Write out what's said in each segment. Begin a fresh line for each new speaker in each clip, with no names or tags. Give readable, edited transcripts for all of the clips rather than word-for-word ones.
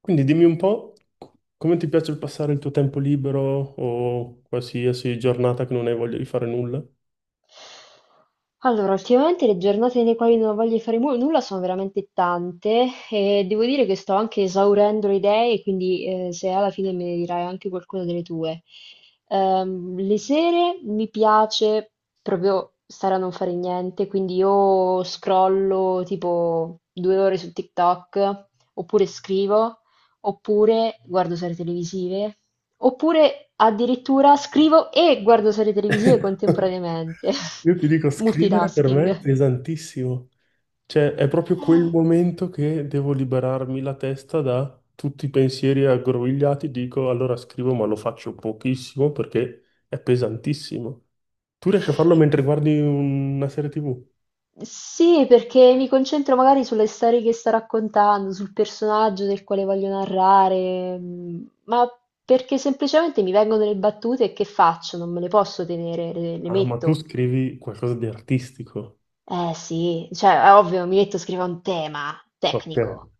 Quindi dimmi un po' come ti piace passare il tuo tempo libero o qualsiasi giornata che non hai voglia di fare nulla?
Allora, ultimamente le giornate nei quali non voglio fare nulla sono veramente tante e devo dire che sto anche esaurendo le idee, quindi se alla fine me ne dirai anche qualcuna delle tue. Le sere mi piace proprio stare a non fare niente, quindi io scrollo tipo 2 ore su TikTok oppure scrivo, oppure guardo serie televisive, oppure addirittura scrivo e guardo serie televisive contemporaneamente.
Io ti dico, scrivere per me è
Multitasking.
pesantissimo. Cioè, è proprio quel momento che devo liberarmi la testa da tutti i pensieri aggrovigliati. Dico, allora scrivo, ma lo faccio pochissimo perché è pesantissimo. Tu riesci a farlo mentre guardi una serie TV?
Sì, perché mi concentro magari sulle storie che sto raccontando, sul personaggio del quale voglio narrare, mm, ma perché semplicemente mi vengono le battute e che faccio? Non me le posso tenere, le
Ah, ma tu
metto.
scrivi qualcosa di artistico.
Eh sì, cioè è ovvio, mi metto a scrivere un tema
Ok.
tecnico.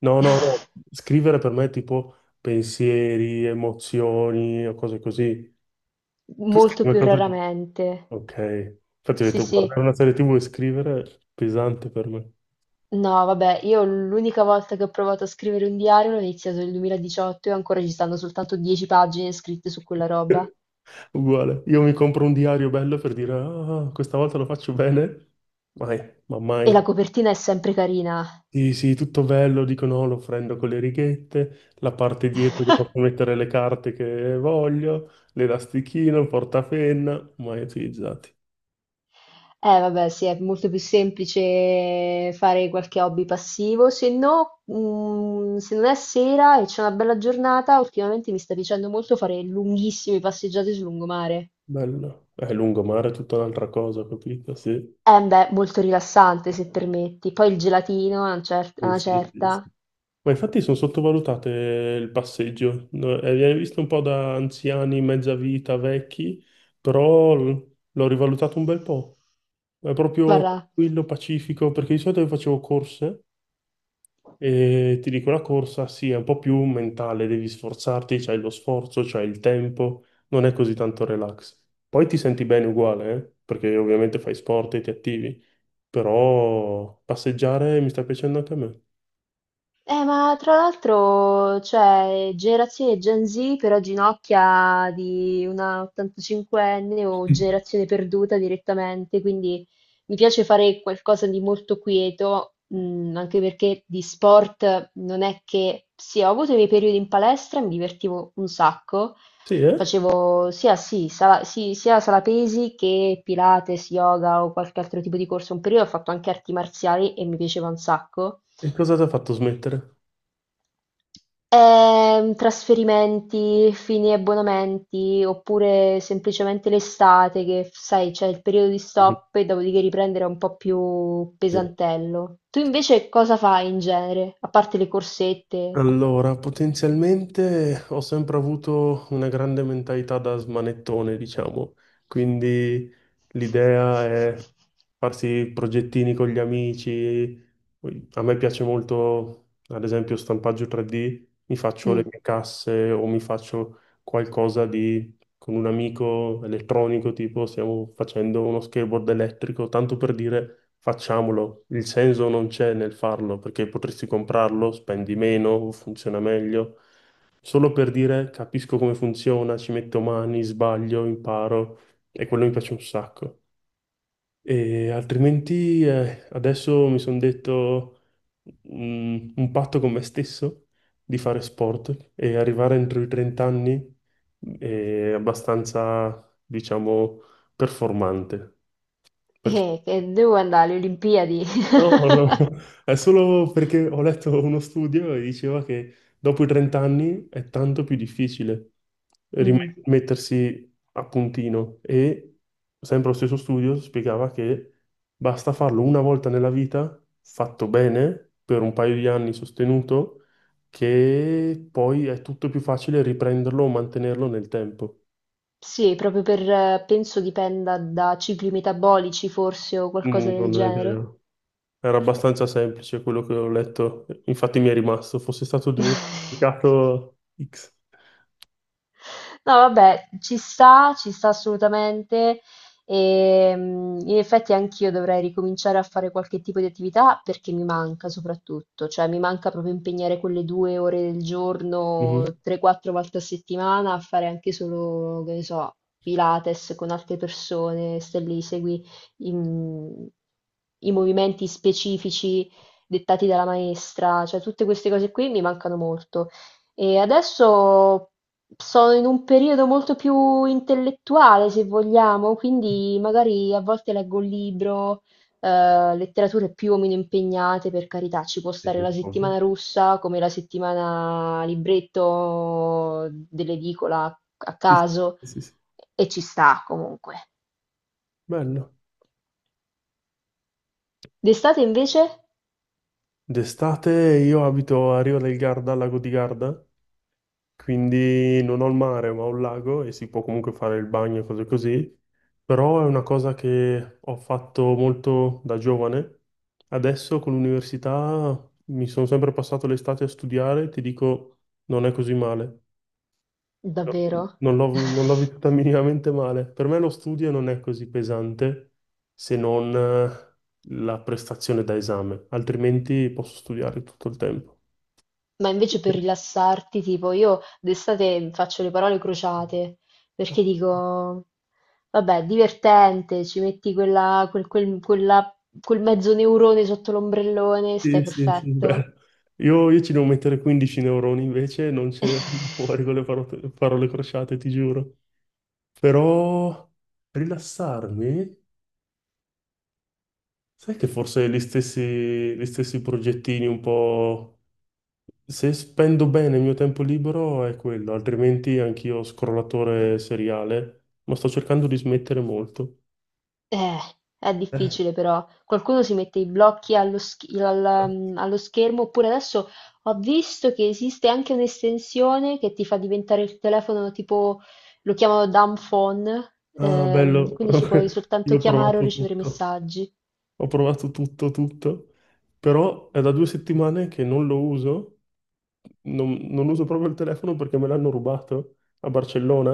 No, no, no, scrivere per me è tipo pensieri, emozioni o cose così. Tu scrivi
Molto più
qualcosa di...
raramente.
Ok, infatti ho
Sì,
detto
sì.
guardare una serie TV e scrivere è pesante per me.
No, vabbè, io l'unica volta che ho provato a scrivere un diario l'ho iniziato nel 2018 e ancora ci stanno soltanto 10 pagine scritte su quella roba.
Uguale, io mi compro un diario bello per dire ah, questa volta lo faccio bene, mai, ma
E la
mai.
copertina è sempre carina.
Sì, sì, tutto bello, dico no, lo prendo con le righette, la parte dietro che posso mettere le carte che voglio, l'elastichino, il portapenna, mai utilizzati.
Vabbè, sì, è molto più semplice fare qualche hobby passivo. Se no, mm, se non è sera e c'è una bella giornata, ultimamente mi sta piacendo molto fare lunghissime passeggiate sul lungomare.
Bello, è lungomare è tutta un'altra cosa, capito? Sì.
Beh, molto rilassante, se permetti. Poi il gelatino, a
Sì,
una
sì, sì, sì.
certa.
Ma infatti sono sottovalutate il passeggio. No, viene visto un po' da anziani, mezza vita, vecchi, però l'ho rivalutato un bel po'. È proprio
Guarda,
tranquillo, pacifico, perché di solito io facevo corse e ti dico la corsa, sì, è un po' più mentale, devi sforzarti, c'hai lo sforzo, c'hai il tempo, non è così tanto relax. Poi ti senti bene uguale, eh. Perché ovviamente fai sport e ti attivi. Però passeggiare mi sta piacendo anche a me.
ma tra l'altro, cioè, generazione Gen Z però ginocchia di una 85enne o generazione perduta direttamente, quindi mi piace fare qualcosa di molto quieto, mm, anche perché di sport non è che... Sì, ho avuto i miei periodi in palestra, mi divertivo un sacco,
Sì, eh?
facevo sala, sia sala pesi che Pilates, yoga o qualche altro tipo di corso, un periodo ho fatto anche arti marziali e mi piaceva un sacco.
E cosa ti ha fatto smettere?
Trasferimenti, fini e abbonamenti, oppure semplicemente l'estate che, sai, c'è il periodo di stop e dopodiché riprendere è un po' più
Sì.
pesantello. Tu invece cosa fai in genere, a parte le corsette?
Allora, potenzialmente ho sempre avuto una grande mentalità da smanettone, diciamo, quindi l'idea è farsi progettini con gli amici. Poi a me piace molto, ad esempio, stampaggio 3D, mi faccio le
Mm.
mie casse o mi faccio qualcosa di con un amico elettronico, tipo stiamo facendo uno skateboard elettrico, tanto per dire facciamolo. Il senso non c'è nel farlo, perché potresti comprarlo, spendi meno, funziona meglio. Solo per dire capisco come funziona, ci metto mani, sbaglio, imparo e quello mi piace un sacco. E altrimenti adesso mi sono detto un patto con me stesso di fare sport e arrivare entro i 30 anni è abbastanza, diciamo, performante. Perché?
Che devo andare alle Olimpiadi.
No, no, no. È solo perché ho letto uno studio e diceva che dopo i 30 anni è tanto più difficile
Mm.
rimettersi a puntino e sempre lo stesso studio spiegava che basta farlo una volta nella vita, fatto bene, per un paio di anni sostenuto, che poi è tutto più facile riprenderlo o mantenerlo nel tempo.
Sì, proprio per, penso dipenda da cicli metabolici forse o qualcosa
Mm,
del
non ho
genere.
idea. Era abbastanza semplice quello che ho letto, infatti mi è rimasto, fosse stato indicato X.
No, vabbè, ci sta assolutamente. E, mm, in effetti anch'io dovrei ricominciare a fare qualche tipo di attività perché mi manca soprattutto, cioè mi manca proprio impegnare quelle 2 ore del giorno,
Mhm.
3-4 volte a settimana a fare anche solo, che ne so, Pilates con altre persone, stai lì, segui i i movimenti specifici dettati dalla maestra, cioè tutte queste cose qui mi mancano molto. E adesso sono in un periodo molto più intellettuale, se vogliamo, quindi magari a volte leggo un libro, letterature più o meno impegnate, per carità, ci può stare la
Ovvio.
settimana russa come la settimana libretto dell'edicola a
Sì, sì,
caso,
sì, sì.
e ci sta comunque.
Bello.
D'estate invece?
D'estate io abito a Riva del Garda, al lago di Garda, quindi non ho il mare ma ho il lago e si può comunque fare il bagno e cose così, però è una cosa che ho fatto molto da giovane. Adesso con l'università mi sono sempre passato l'estate a studiare, ti dico, non è così male.
Davvero?
Non l'ho vissuta minimamente male. Per me lo studio non è così pesante se non la prestazione da esame, altrimenti posso studiare tutto il tempo.
Ma invece per rilassarti, tipo, io d'estate faccio le parole crociate, perché dico, vabbè, divertente, ci metti quel mezzo neurone sotto l'ombrellone, stai
Sì, sì, sì,
perfetto.
bello. Io ci devo mettere 15 neuroni invece, non ce ne vengono fuori con le parole, parole crociate, ti giuro. Però rilassarmi, sai che forse gli stessi progettini un po' se spendo bene il mio tempo libero è quello, altrimenti anch'io scrollatore seriale, ma sto cercando di smettere molto.
Eh, è
Eh.
difficile però. Qualcuno si mette i blocchi allo, allo schermo, oppure adesso ho visto che esiste anche un'estensione che ti fa diventare il telefono tipo, lo chiamano dumb phone,
Ah, bello,
quindi ci puoi
io
soltanto chiamare o ricevere messaggi.
ho provato tutto, tutto, però è da 2 settimane che non lo uso, non uso proprio il telefono perché me l'hanno rubato a Barcellona,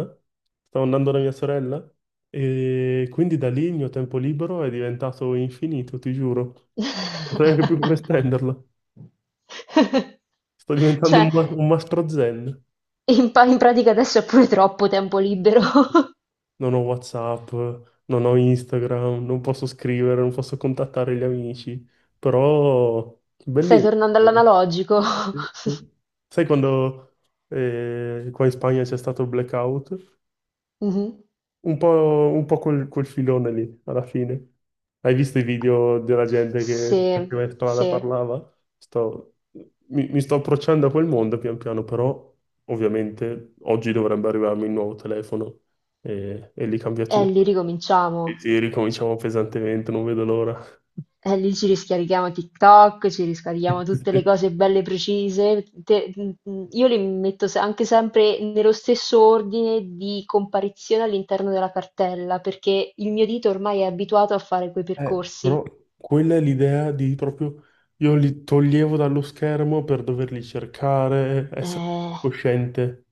stavo andando da mia sorella e quindi da lì il mio tempo libero è diventato infinito, ti giuro, non so neanche più come spenderlo. Sto diventando
Cioè,
un, un mastro zen.
in pratica adesso è pure troppo tempo libero.
Non ho WhatsApp, non ho Instagram, non posso scrivere, non posso contattare gli amici, però
Stai
bellino.
tornando
Dire.
all'analogico.
Sì, sì. Sai quando qua in Spagna c'è stato il blackout?
Mhm.
Un po', un po' quel filone lì, alla fine. Hai visto i video della gente che
Sì,
faceva in strada
sì.
parlava? Sto- mi sto approcciando a quel mondo pian piano, però ovviamente oggi dovrebbe arrivarmi il nuovo telefono e lì cambia
E lì
tutto. Sì,
ricominciamo.
sì, ricominciamo pesantemente, non vedo l'ora.
E lì ci riscarichiamo TikTok, ci riscarichiamo tutte le cose belle precise. Io le metto anche sempre nello stesso ordine di comparizione all'interno della cartella, perché il mio dito ormai è abituato a fare quei percorsi.
Però quella è l'idea di proprio io li toglievo dallo schermo per doverli cercare, essere
Eh,
cosciente,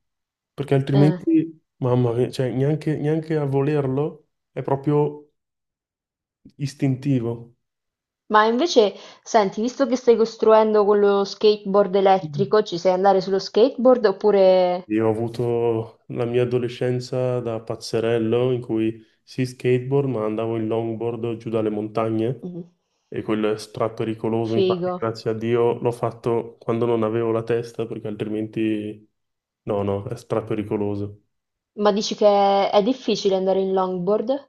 perché
eh.
altrimenti, mamma mia, cioè, neanche a volerlo è proprio istintivo.
Ma invece, senti, visto che stai costruendo quello skateboard elettrico, ci sai andare sullo skateboard oppure...
Io ho avuto la mia adolescenza da pazzerello in cui sì skateboard, ma andavo in longboard giù dalle montagne
Mm.
e quello è strappericoloso. Infatti,
Figo.
grazie a Dio l'ho fatto quando non avevo la testa, perché altrimenti no, no, è strappericoloso.
Ma dici che è difficile andare in longboard?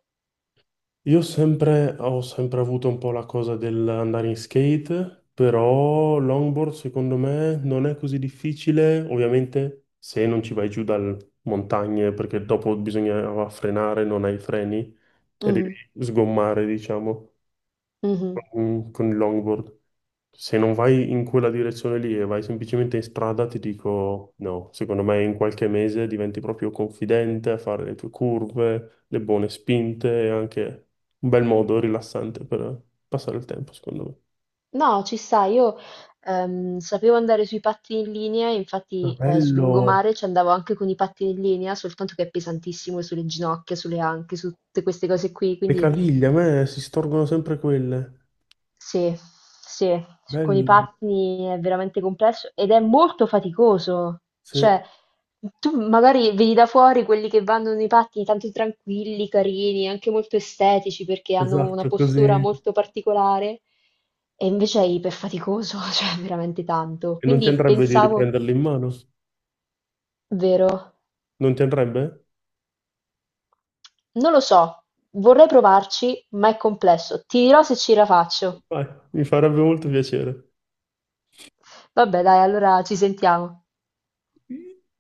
Io sempre, ho sempre avuto un po' la cosa dell'andare in skate, però longboard secondo me non è così difficile, ovviamente se non ci vai giù dalle montagne, perché dopo bisogna frenare, non hai i freni e devi
Mm.
sgommare, diciamo
Mh-mh.
con il longboard. Se non vai in quella direzione lì e vai semplicemente in strada, ti dico no. Secondo me in qualche mese diventi proprio confidente a fare le tue curve, le buone spinte e anche un bel modo rilassante per passare il tempo, secondo me.
No, ci sta. Io, sapevo andare sui pattini in linea,
Ah,
infatti, sul
bello!
lungomare ci andavo anche con i pattini in linea, soltanto che è pesantissimo sulle ginocchia, sulle anche, su tutte queste cose qui,
Le
quindi
caviglie, a me si storgono sempre quelle.
sì, sì, con i
Bello.
pattini è veramente complesso ed è molto faticoso.
Sì,
Cioè, tu magari vedi da fuori quelli che vanno nei pattini tanto tranquilli, carini, anche molto estetici perché hanno una
esatto,
postura
così.
molto particolare e invece è iperfaticoso, cioè veramente tanto.
E non ti
Quindi
andrebbe di
pensavo,
riprenderle in mano?
vero,
Non ti andrebbe?
non lo so, vorrei provarci, ma è complesso. Ti dirò se ce la faccio.
Vai, mi farebbe molto piacere.
Vabbè, dai, allora ci sentiamo.